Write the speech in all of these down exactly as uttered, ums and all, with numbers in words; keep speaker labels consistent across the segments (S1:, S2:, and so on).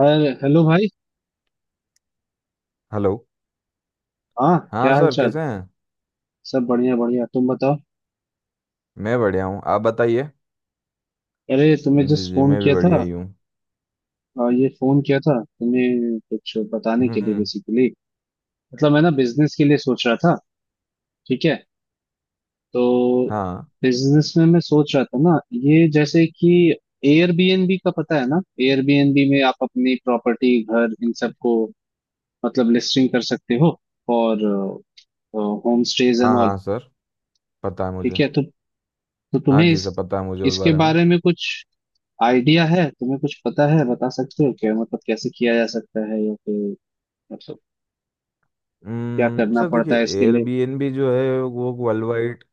S1: अरे हेलो भाई।
S2: हेलो।
S1: हाँ
S2: हाँ
S1: क्या हाल
S2: सर,
S1: चाल।
S2: कैसे हैं?
S1: सब बढ़िया बढ़िया तुम बताओ।
S2: मैं बढ़िया हूँ, आप बताइए।
S1: अरे तुम्हें
S2: जी
S1: जस्ट
S2: जी,
S1: फोन
S2: मैं भी
S1: किया
S2: बढ़िया
S1: था।
S2: ही हूँ।
S1: अ, ये फोन किया था तुम्हें कुछ बताने के लिए
S2: हम्म।
S1: बेसिकली। मतलब मैं ना बिजनेस के लिए सोच रहा था। ठीक है तो
S2: हाँ
S1: बिजनेस में मैं सोच रहा था ना। ये जैसे कि एयरबीएनबी का पता है ना। एयरबीएनबी में आप अपनी प्रॉपर्टी घर इन सबको मतलब लिस्टिंग कर सकते हो और होम स्टेज एंड
S2: हाँ
S1: ऑल।
S2: हाँ सर, पता है
S1: ठीक
S2: मुझे।
S1: है तो तो
S2: हाँ
S1: तुम्हें
S2: जी
S1: इस
S2: सर, पता है मुझे उस
S1: इसके
S2: बारे में।
S1: बारे में कुछ आइडिया है, तुम्हें कुछ पता है, बता सकते हो क्या मतलब कैसे किया जा सकता है या फिर मतलब क्या
S2: हम्म
S1: करना
S2: सर देखिए,
S1: पड़ता है इसके लिए।
S2: एयरबीएनबी जो है वो वर्ल्ड वाइड।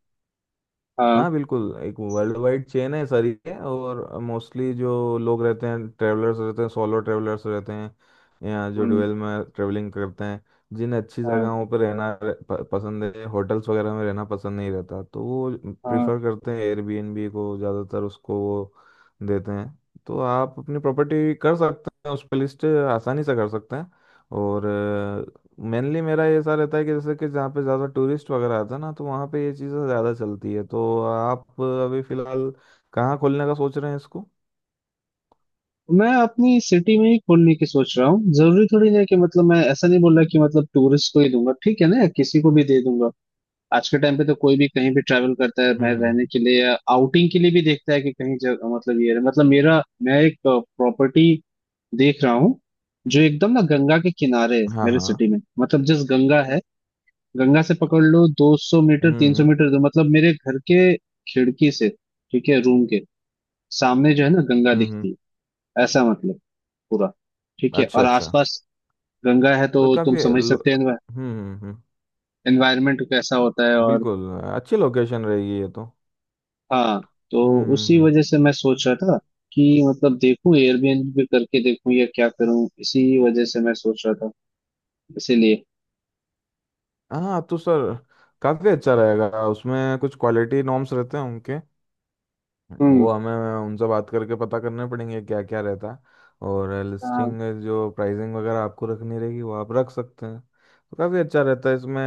S1: हाँ।
S2: हाँ बिल्कुल, एक वर्ल्ड वाइड चेन है सारी है, और मोस्टली जो लोग रहते हैं, ट्रेवलर्स रहते हैं, सोलो ट्रेवलर्स रहते हैं, या जो
S1: हम्म।
S2: डुअल में ट्रेवलिंग करते हैं, जिन्हें अच्छी
S1: हाँ
S2: जगहों पर रहना र- प- पसंद है। होटल्स वगैरह में रहना पसंद नहीं रहता, तो वो
S1: हाँ।
S2: प्रिफर करते हैं एयरबीएनबी को, ज़्यादातर उसको वो देते हैं। तो आप अपनी प्रॉपर्टी कर सकते हैं, उस पर लिस्ट आसानी से कर सकते हैं। और मेनली मेरा ये ऐसा रहता है कि जैसे कि जहाँ पे ज़्यादा टूरिस्ट वगैरह आता है ना, तो वहाँ पे ये चीज़ें ज़्यादा चलती है। तो आप अभी फ़िलहाल कहाँ खोलने का सोच रहे हैं इसको?
S1: मैं अपनी सिटी में ही खोलने की सोच रहा हूँ। जरूरी थोड़ी है कि मतलब मैं ऐसा नहीं बोल रहा कि मतलब टूरिस्ट को ही दूंगा, ठीक है ना, या किसी को भी दे दूंगा। आज के टाइम पे तो कोई भी कहीं भी ट्रैवल करता है
S2: हम्म
S1: मैं
S2: हम्म।
S1: रहने के लिए या आउटिंग के लिए भी देखता है कि कहीं जग, मतलब ये मतलब मेरा मैं एक प्रॉपर्टी देख रहा हूँ जो एकदम ना गंगा के किनारे है
S2: हाँ
S1: मेरे
S2: हाँ।
S1: सिटी में। मतलब जिस गंगा है, गंगा से पकड़ लो दो सौ मीटर
S2: हम्म
S1: तीन सौ
S2: हम्म
S1: मीटर दूर मतलब मेरे घर के खिड़की से, ठीक है, रूम के सामने जो है ना गंगा
S2: हम्म
S1: दिखती
S2: हम्म।
S1: है। ऐसा मतलब पूरा ठीक है
S2: अच्छा
S1: और
S2: अच्छा।
S1: आसपास गंगा है तो
S2: तो
S1: तुम
S2: काफ़ी
S1: समझ
S2: लो-
S1: सकते हो
S2: हम्म हम्म हम्म।
S1: एनवायरमेंट कैसा होता है। और
S2: बिल्कुल, अच्छी लोकेशन रहेगी ये तो।
S1: हाँ, तो
S2: हम्म हम्म
S1: उसी
S2: हम्म।
S1: वजह से मैं सोच रहा था कि मतलब देखूं एयरबीएनबी पे करके देखूं या क्या करूं, इसी वजह से मैं सोच रहा था इसीलिए।
S2: हाँ तो सर काफ़ी अच्छा रहेगा, उसमें कुछ क्वालिटी नॉर्म्स रहते हैं उनके,
S1: हम्म।
S2: वो हमें उनसे बात करके पता करने पड़ेंगे क्या क्या रहता है। और
S1: हाँ,
S2: लिस्टिंग जो प्राइसिंग वगैरह आपको रखनी रहेगी वो आप रख सकते हैं। तो काफ़ी अच्छा रहता है इसमें।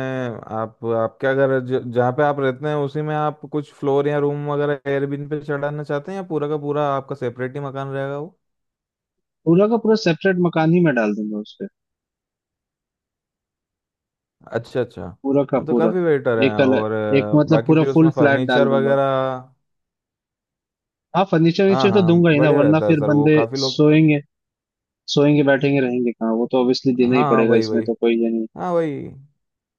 S2: आप आपके अगर ज- जहाँ पे आप रहते हैं उसी में आप कुछ फ्लोर या रूम वगैरह एयरबिन पे चढ़ाना चाहते हैं, या पूरा का पूरा आपका सेपरेट ही मकान रहेगा वो?
S1: पूरा का पूरा सेपरेट मकान ही मैं डाल दूंगा उस पे।
S2: अच्छा अच्छा।
S1: पूरा का
S2: हाँ तो
S1: पूरा
S2: काफ़ी बेटर है।
S1: एक
S2: और
S1: अलग, एक
S2: अ,
S1: मतलब
S2: बाकी
S1: पूरा
S2: फिर
S1: फुल
S2: उसमें
S1: फ्लैट डाल
S2: फर्नीचर
S1: दूंगा।
S2: वगैरह।
S1: हाँ फर्नीचर
S2: हाँ
S1: वर्नीचर तो
S2: हाँ,
S1: दूंगा ही ना
S2: बढ़िया
S1: वरना
S2: रहता है
S1: फिर
S2: सर, वो
S1: बंदे
S2: काफ़ी लोग।
S1: सोएंगे सोएंगे बैठेंगे रहेंगे कहाँ। वो तो ऑब्वियसली
S2: हाँ
S1: देना ही
S2: हाँ
S1: पड़ेगा।
S2: वही
S1: इसमें
S2: वही।
S1: तो कोई ये नहीं,
S2: हाँ वही।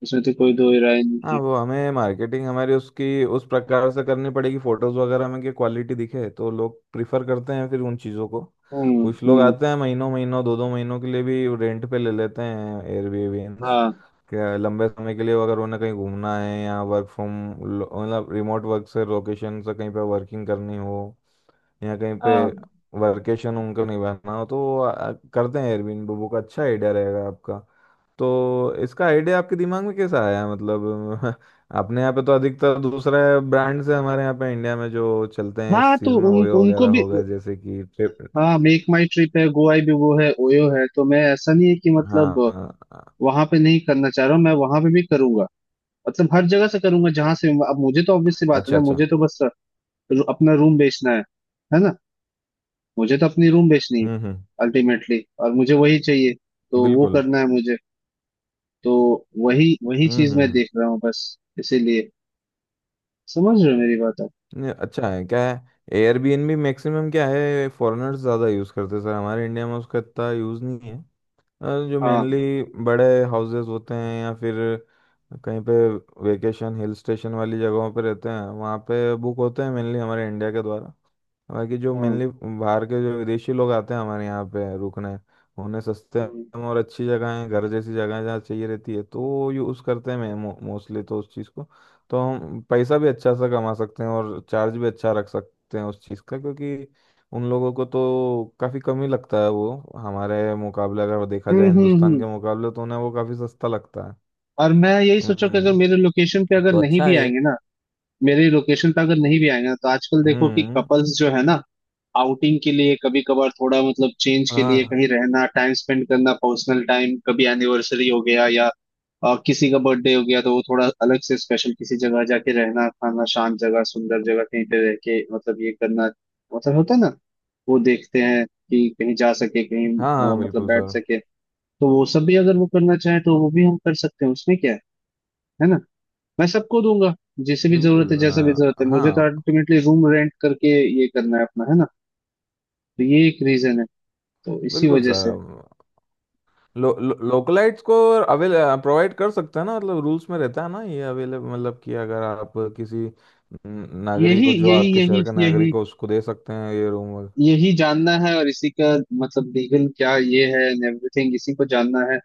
S1: इसमें तो कोई दो राय नहीं
S2: हाँ,
S1: है।
S2: वो हमें मार्केटिंग हमारी उसकी उस प्रकार से करनी पड़ेगी, फोटोज वगैरह में कि क्वालिटी दिखे, तो लोग प्रिफर करते हैं फिर उन चीज़ों को।
S1: हम्म
S2: कुछ लोग
S1: हम्म।
S2: आते हैं, महीनों महीनों, दो दो महीनों के लिए भी रेंट पे ले लेते हैं एयरबीएनस।
S1: हाँ
S2: क्या, लंबे समय के लिए अगर उन्हें कहीं घूमना है, या वर्क फ्रॉम मतलब रिमोट वर्क से लोकेशन से कहीं पे वर्किंग करनी हो या कहीं पे
S1: हाँ।
S2: वर्केशन उनको निभाना हो, तो वो आ- करते हैं एयरबीएनबी बुक। अच्छा आइडिया रहेगा आपका। तो इसका आइडिया आपके दिमाग में कैसा आया मतलब? अपने यहाँ पे तो अधिकतर दूसरा ब्रांड से हमारे यहाँ पे इंडिया में जो चलते हैं
S1: हाँ
S2: इस
S1: तो
S2: चीज़ में,
S1: उन
S2: ओयो
S1: उनको
S2: वगैरह
S1: भी।
S2: हो गया, जैसे कि ट्रिप।
S1: हाँ मेक माई ट्रिप है, गोवा भी वो है, ओयो है। तो मैं ऐसा नहीं है कि मतलब
S2: हाँ हाँ।
S1: वहां पे नहीं करना चाह रहा हूँ, मैं वहां पे भी करूंगा। मतलब हर जगह से करूंगा जहां से। अब मुझे तो ऑब्वियस सी बात है
S2: अच्छा
S1: ना,
S2: अच्छा।
S1: मुझे तो बस रू- अपना रूम बेचना है है ना। मुझे तो अपनी रूम बेचनी है
S2: हम्म हम्म।
S1: अल्टीमेटली और मुझे वही चाहिए। तो वो
S2: बिल्कुल।
S1: करना है मुझे, तो वही वही
S2: हम्म
S1: चीज मैं
S2: हम्म हम्म।
S1: देख रहा हूँ बस, इसीलिए। समझ रहे हो मेरी बात आप।
S2: नहीं, अच्छा है, क्या है, एयरबीएनबी मैक्सिमम क्या है, फॉरेनर्स ज़्यादा यूज़ करते हैं सर, हमारे इंडिया में उसका इतना यूज़ नहीं है। अ, जो
S1: हाँ
S2: मेनली बड़े हाउसेस होते हैं, या फिर कहीं पे वेकेशन हिल स्टेशन वाली जगहों पे रहते हैं, वहाँ पे बुक होते हैं मेनली हमारे इंडिया के द्वारा। बाकी जो
S1: हाँ
S2: मेनली बाहर के जो विदेशी लोग आते हैं हमारे यहाँ पे रुकने, उन्हें सस्ते
S1: हाँ।
S2: में और अच्छी जगह है, घर जैसी जगह है, जहाँ चाहिए रहती है, तो वो यूज़ करते हैं मोस्टली तो उस चीज़ को। तो हम पैसा भी अच्छा सा कमा सकते हैं और चार्ज भी अच्छा रख सकते हैं उस चीज़ का, क्योंकि उन लोगों को तो काफ़ी कम ही लगता है, वो हमारे मुकाबले अगर देखा
S1: हम्म
S2: जाए,
S1: हम्म
S2: हिंदुस्तान
S1: हम्म।
S2: के मुकाबले तो उन्हें वो काफ़ी सस्ता लगता है।
S1: और मैं यही सोचा कि अगर
S2: हम्म।
S1: मेरे लोकेशन पे अगर
S2: तो
S1: नहीं
S2: अच्छा
S1: भी
S2: है ये।
S1: आएंगे ना, मेरी लोकेशन पे अगर नहीं भी आएंगे ना तो आजकल देखो कि
S2: हम्म।
S1: कपल्स जो है ना आउटिंग के लिए कभी कभार थोड़ा मतलब चेंज के लिए
S2: हाँ
S1: कहीं रहना, टाइम स्पेंड करना, पर्सनल टाइम, कभी एनिवर्सरी हो गया या अ, किसी का बर्थडे हो गया तो वो थोड़ा अलग से स्पेशल किसी जगह जाके रहना, खाना, शांत जगह, सुंदर जगह, कहीं पे रह के मतलब ये करना, मतलब होता है ना। वो देखते हैं कि कहीं जा सके कहीं
S2: हाँ
S1: अ,
S2: हाँ,
S1: मतलब
S2: बिल्कुल
S1: बैठ
S2: सर।
S1: सके। तो वो सब भी अगर वो करना चाहे तो वो भी हम कर सकते हैं, उसमें क्या है है ना। मैं सबको दूंगा जिसे भी जरूरत
S2: बिल्कुल
S1: है जैसा भी जरूरत
S2: अ,
S1: है। मुझे तो
S2: हाँ।
S1: अल्टीमेटली रूम रेंट करके ये करना है अपना, है ना। तो ये एक रीजन है, तो इसी
S2: बिल्कुल
S1: वजह से।
S2: सर। लो, लो, लोकलाइट्स को अवेल, प्रोवाइड कर सकते हैं ना, मतलब रूल्स में रहता है ना ये, अवेलेबल मतलब कि अगर आप किसी न- नागरिक
S1: यही
S2: को, जो
S1: यही
S2: आपके
S1: यही
S2: शहर का
S1: यही
S2: नागरिक हो, उसको दे सकते हैं ये रूम।
S1: यही जानना है और इसी का मतलब लीगल क्या ये है एंड एवरीथिंग इसी को जानना है।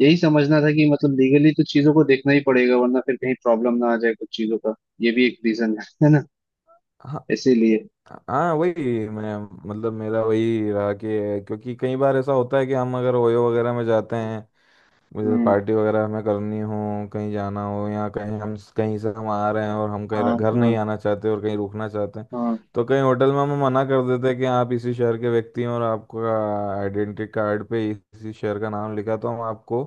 S1: यही समझना था कि मतलब लीगली तो चीजों को देखना ही पड़ेगा वरना फिर कहीं प्रॉब्लम ना आ जाए कुछ चीजों का। ये भी एक रीजन है है ना,
S2: हाँ
S1: इसीलिए।
S2: हाँ वही मैं, मतलब मेरा वही रहा कि क्योंकि कई बार ऐसा होता है कि हम अगर ओयो वगैरह में जाते हैं, मुझे
S1: हम्म।
S2: पार्टी वगैरह हमें करनी हो, कहीं जाना हो, या कहीं हम कहीं से हम आ रहे हैं और हम कहीं
S1: हाँ
S2: घर
S1: हाँ
S2: नहीं आना चाहते और कहीं रुकना चाहते हैं,
S1: हाँ
S2: तो कहीं होटल में हम मना कर देते हैं कि आप इसी शहर के व्यक्ति हैं और आपका आइडेंटिटी कार्ड पे इसी शहर का नाम लिखा है, तो हम आपको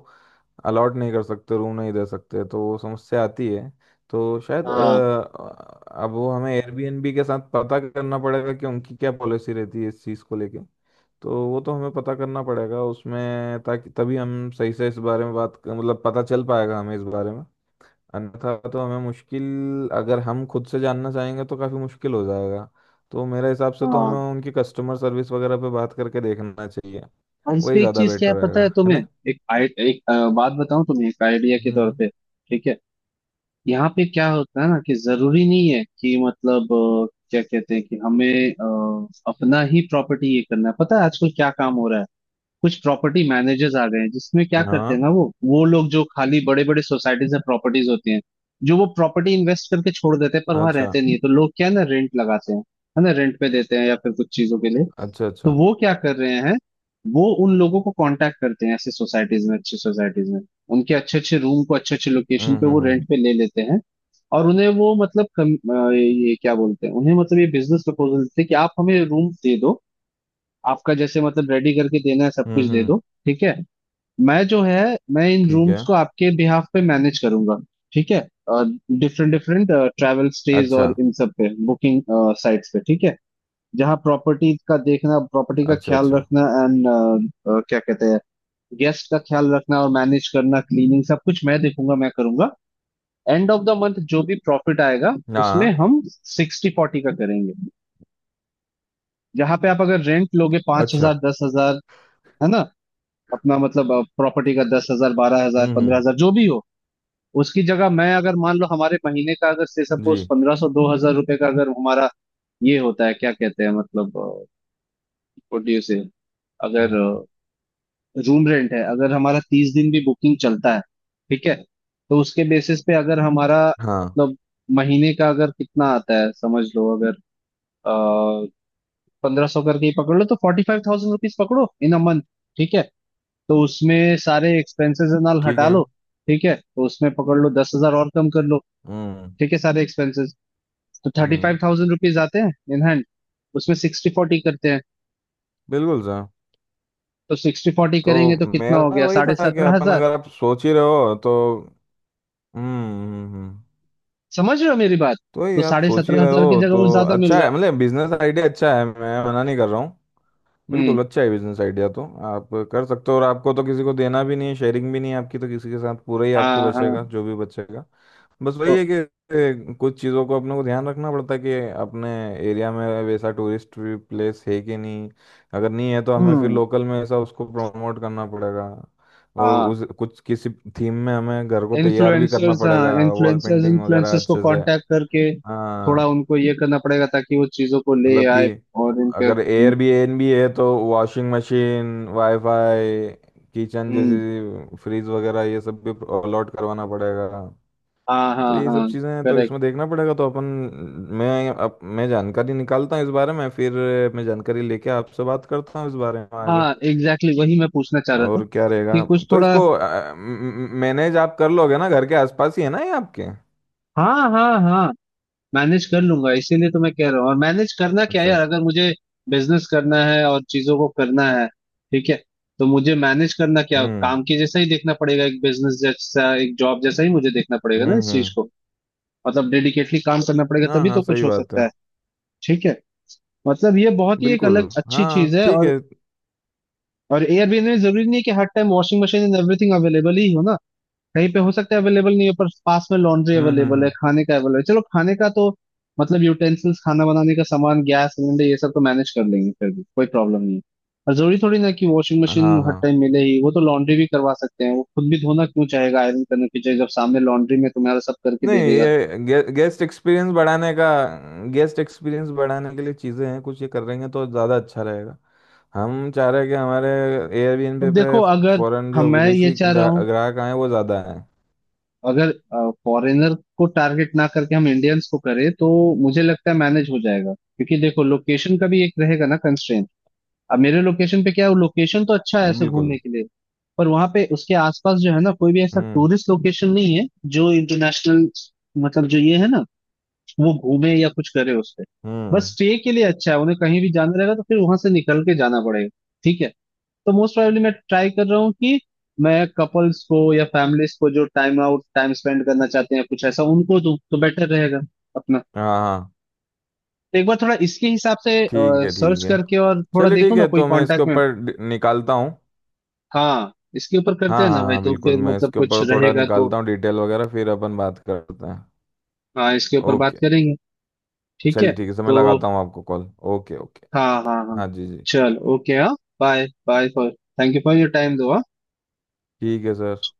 S2: अलॉट नहीं कर सकते, रूम नहीं दे सकते, तो वो समस्या आती है। तो शायद
S1: हाँ
S2: अ, अब वो हमें एयरबीएनबी के साथ पता करना पड़ेगा कि उनकी क्या पॉलिसी रहती है इस चीज़ को लेके। तो वो तो हमें पता करना पड़ेगा उसमें, ताकि तभी हम सही से इस बारे में बात कर- मतलब पता चल पाएगा हमें इस बारे में। अन्यथा तो हमें मुश्किल, अगर हम खुद से जानना चाहेंगे तो काफ़ी मुश्किल हो जाएगा। तो मेरे हिसाब से तो
S1: हाँ।
S2: हमें उनकी कस्टमर सर्विस वगैरह पे बात करके देखना चाहिए,
S1: और इस
S2: वही
S1: पे एक
S2: ज़्यादा
S1: चीज क्या
S2: बेटर
S1: है पता
S2: रहेगा
S1: है
S2: है
S1: तुम्हें,
S2: ना।
S1: एक आई, एक अ, बात बताऊं तुम्हें एक आइडिया के तौर
S2: हम्म।
S1: पे। ठीक है। यहाँ पे क्या होता है ना कि जरूरी नहीं है कि मतलब अ, क्या कहते हैं कि हमें अ, अपना ही प्रॉपर्टी ये करना है। पता है आजकल क्या काम हो रहा है, कुछ प्रॉपर्टी मैनेजर्स आ गए हैं जिसमें क्या करते हैं
S2: हाँ।
S1: ना वो वो लोग जो खाली बड़े बड़े सोसाइटीज में प्रॉपर्टीज होती हैं जो वो प्रॉपर्टी इन्वेस्ट करके छोड़ देते हैं पर वहां
S2: अच्छा
S1: रहते नहीं है तो लोग क्या है ना रेंट लगाते हैं, है ना, रेंट पे देते हैं या फिर कुछ चीजों के लिए।
S2: अच्छा अच्छा।
S1: तो वो क्या कर रहे हैं, वो उन लोगों को कांटेक्ट करते हैं ऐसे सोसाइटीज में, अच्छी सोसाइटीज में, उनके अच्छे अच्छे रूम को अच्छे अच्छे लोकेशन
S2: हम्म
S1: पे वो
S2: हम्म हम्म
S1: रेंट पे ले लेते हैं। और उन्हें वो मतलब कम, अ, ये क्या बोलते हैं उन्हें, मतलब ये बिजनेस प्रपोजल देते हैं कि आप हमें रूम दे दो, आपका जैसे मतलब रेडी करके देना है सब
S2: हम्म
S1: कुछ दे
S2: हम्म।
S1: दो। ठीक है, मैं जो है मैं इन
S2: ठीक
S1: रूम्स
S2: है।
S1: को आपके बिहाफ पे मैनेज करूंगा। ठीक है, डिफरेंट डिफरेंट ट्रैवल स्टेज
S2: अच्छा
S1: और इन सब पे बुकिंग साइट्स पे, ठीक है, जहाँ प्रॉपर्टी का देखना, प्रॉपर्टी का
S2: अच्छा
S1: ख्याल
S2: अच्छा।
S1: रखना एंड क्या कहते हैं गेस्ट का ख्याल रखना और मैनेज करना, क्लीनिंग, सब कुछ मैं देखूंगा मैं करूंगा। एंड ऑफ द मंथ जो भी प्रॉफिट आएगा उसमें
S2: हाँ।
S1: हम सिक्सटी फोर्टी का करेंगे। जहाँ पे आप अगर रेंट लोगे पांच
S2: अच्छा।
S1: हजार दस हजार, है ना, अपना मतलब प्रॉपर्टी का दस हजार बारह हजार
S2: हम्म
S1: पंद्रह
S2: हम्म।
S1: हजार जो भी हो, उसकी जगह मैं अगर मान लो हमारे महीने का अगर से
S2: जी।
S1: सपोज पंद्रह सौ दो हजार रुपये का अगर हमारा ये होता है क्या कहते हैं मतलब प्रोड्यूस, अगर
S2: हम्म।
S1: रूम रेंट है अगर हमारा, तीस दिन भी बुकिंग चलता है ठीक है तो उसके बेसिस पे अगर हमारा
S2: हाँ
S1: मतलब महीने का अगर कितना आता है समझ लो अगर पंद्रह सौ करके ही पकड़ लो तो फोर्टी फाइव थाउजेंड रुपीज पकड़ो इन अ मंथ। ठीक है, तो उसमें सारे एक्सपेंसेस नाल
S2: ठीक
S1: हटा
S2: है।
S1: लो, ठीक है, तो उसमें पकड़ लो दस हजार और कम कर लो,
S2: हम्म
S1: ठीक है, सारे एक्सपेंसेस, तो thirty five
S2: hmm.
S1: Thousand rupees आते हैं इन हैंड। उसमें सिक्सटी फोर्टी करते हैं,
S2: बिल्कुल सर।
S1: तो सिक्सटी फोर्टी
S2: तो
S1: करेंगे तो कितना हो
S2: मेरा
S1: गया
S2: वही
S1: साढ़े
S2: था कि
S1: सत्रह
S2: अपन,
S1: हजार।
S2: अगर आप सोच ही रहे हो तो। हम्म हम्म। हम्म। हम्म।
S1: समझ रहे हो मेरी बात।
S2: तो ये
S1: तो
S2: आप
S1: साढ़े
S2: सोच ही
S1: सत्रह
S2: रहे
S1: हजार की
S2: हो तो
S1: जगह वो ज्यादा मिल
S2: अच्छा
S1: रहा
S2: है, मतलब बिजनेस आइडिया अच्छा है, मैं मना नहीं कर रहा हूँ।
S1: है। हम्म
S2: बिल्कुल अच्छा है बिजनेस आइडिया, तो आप कर सकते हो, और आपको तो किसी को देना भी नहीं है, शेयरिंग भी नहीं है आपकी तो किसी के साथ, पूरा ही आपको
S1: हाँ
S2: बचेगा
S1: हाँ।
S2: जो भी बचेगा। बस
S1: तो
S2: वही है कि ए, कुछ चीज़ों को अपने को ध्यान रखना पड़ता है कि अपने एरिया में वैसा टूरिस्ट प्लेस है कि नहीं, अगर नहीं है तो हमें फिर
S1: हम्म
S2: लोकल में ऐसा उसको प्रमोट करना पड़ेगा। और
S1: हाँ।
S2: उस कुछ किसी थीम में हमें घर को तैयार भी करना
S1: इन्फ्लुएंसर्स, हाँ,
S2: पड़ेगा, वॉल
S1: इन्फ्लुएंसर्स
S2: पेंटिंग वगैरह
S1: इन्फ्लुएंसर्स को
S2: अच्छे से।
S1: कांटेक्ट करके
S2: हाँ,
S1: थोड़ा उनको ये करना पड़ेगा ताकि वो चीजों को ले
S2: मतलब कि
S1: आए। और इनके।
S2: अगर एयरबीएनबी है तो वॉशिंग मशीन, वाईफाई, किचन
S1: हम्म
S2: जैसी फ्रीज वगैरह ये सब भी अलॉट करवाना पड़ेगा।
S1: हाँ हाँ
S2: तो ये सब
S1: हाँ।
S2: चीज़ें हैं, तो
S1: करेक्ट।
S2: इसमें देखना पड़ेगा, तो अपन, मैं अप, मैं जानकारी निकालता हूँ इस बारे में फिर। मैं जानकारी लेके आपसे बात करता हूँ इस बारे में
S1: हाँ
S2: आगे।
S1: एग्जैक्टली, exactly, वही मैं पूछना चाह रहा था
S2: और क्या
S1: कि
S2: रहेगा?
S1: कुछ
S2: तो
S1: थोड़ा।
S2: इसको मैनेज आप कर लोगे ना, घर के आसपास ही है ना ये आपके?
S1: हाँ हाँ हाँ मैनेज कर लूंगा, इसीलिए तो मैं कह रहा हूँ। और मैनेज करना क्या
S2: अच्छा।
S1: यार, अगर मुझे बिजनेस करना है और चीजों को करना है, ठीक है, तो मुझे मैनेज करना क्या,
S2: हम्म
S1: काम के जैसा ही देखना पड़ेगा, एक बिजनेस जैसा एक जॉब जैसा ही मुझे देखना पड़ेगा ना
S2: हम्म
S1: इस चीज
S2: हम्म।
S1: को। मतलब डेडिकेटली काम करना पड़ेगा
S2: हाँ
S1: तभी
S2: हाँ
S1: तो कुछ
S2: सही
S1: हो
S2: बात
S1: सकता
S2: है।
S1: है। ठीक है, मतलब ये बहुत ही एक
S2: बिल्कुल।
S1: अलग अच्छी
S2: हाँ
S1: चीज है।
S2: ठीक
S1: और
S2: है।
S1: और एयरबीएनबी जरूरी नहीं है कि हर time washing machine and everything available ही हो ना। कहीं पे हो सकता है अवेलेबल नहीं है पर पास में लॉन्ड्री
S2: हम्म हम्म
S1: अवेलेबल है,
S2: हम्म।
S1: खाने का अवेलेबल है, चलो खाने का तो मतलब यूटेंसिल्स, खाना बनाने का सामान, गैस सिलेंडर ये सब तो मैनेज कर लेंगे, फिर भी कोई प्रॉब्लम नहीं है। और जरूरी थोड़ी ना कि वॉशिंग मशीन
S2: हाँ
S1: हर
S2: हाँ।
S1: टाइम मिले ही वो, तो लॉन्ड्री भी करवा सकते हैं। वो खुद भी धोना क्यों चाहेगा आयरन करने की जगह जब सामने लॉन्ड्री में तुम्हारा सब करके
S2: नहीं,
S1: दे देगा तो।
S2: ये गे, गेस्ट एक्सपीरियंस बढ़ाने का, गेस्ट एक्सपीरियंस बढ़ाने के लिए चीज़ें हैं, कुछ ये कर रहेंगे तो ज़्यादा अच्छा रहेगा। हम चाह रहे हैं कि हमारे एयरबीएनबी
S1: अब देखो
S2: पे
S1: अगर
S2: फॉरेन
S1: हम
S2: जो
S1: मैं ये
S2: विदेशी
S1: चाह रहा
S2: ग्रा,
S1: हूँ,
S2: ग्राहक आए वो ज़्यादा हैं।
S1: अगर फॉरेनर को टारगेट ना करके हम इंडियंस को करें तो मुझे लगता है मैनेज हो जाएगा क्योंकि देखो लोकेशन का भी एक रहेगा ना कंस्ट्रेंट। अब मेरे लोकेशन पे क्या है, लोकेशन तो अच्छा है ऐसे
S2: बिल्कुल।
S1: घूमने के लिए पर वहां पे उसके आसपास जो है ना कोई भी ऐसा
S2: हम्म
S1: टूरिस्ट लोकेशन नहीं है जो इंटरनेशनल मतलब जो ये है ना वो घूमे या कुछ करे उस पे। बस
S2: हम्म।
S1: स्टे के लिए अच्छा है, उन्हें कहीं भी जाना रहेगा तो फिर वहां से निकल के जाना पड़ेगा। ठीक है, तो मोस्ट प्रोबेबली मैं ट्राई कर रहा हूँ कि मैं कपल्स को या फैमिलीज को जो टाइम आउट टाइम स्पेंड करना चाहते हैं कुछ ऐसा उनको दूं तो बेटर रहेगा अपना।
S2: हाँ हाँ,
S1: तो एक बार थोड़ा इसके हिसाब से
S2: ठीक है ठीक
S1: सर्च
S2: है।
S1: करके और थोड़ा
S2: चलिए
S1: देखो
S2: ठीक
S1: ना,
S2: है,
S1: कोई
S2: तो मैं इसके
S1: कांटेक्ट में।
S2: ऊपर डि- निकालता हूँ।
S1: हाँ इसके ऊपर
S2: हाँ
S1: करते हैं
S2: हाँ
S1: ना भाई,
S2: हाँ
S1: तो
S2: बिल्कुल,
S1: फिर
S2: मैं
S1: मतलब
S2: इसके
S1: कुछ
S2: ऊपर थोड़ा
S1: रहेगा तो।
S2: निकालता हूँ डिटेल वगैरह, फिर अपन बात करते हैं।
S1: हाँ इसके ऊपर बात
S2: ओके।
S1: करेंगे। ठीक है।
S2: चलिए ठीक है, समय
S1: तो
S2: लगाता हूँ आपको कॉल। Okay okay.
S1: हाँ हाँ हाँ,
S2: हाँ जी जी।
S1: चल ओके, हाँ bye bye for, thank you for your time दो हाँ।
S2: ठीक है सर।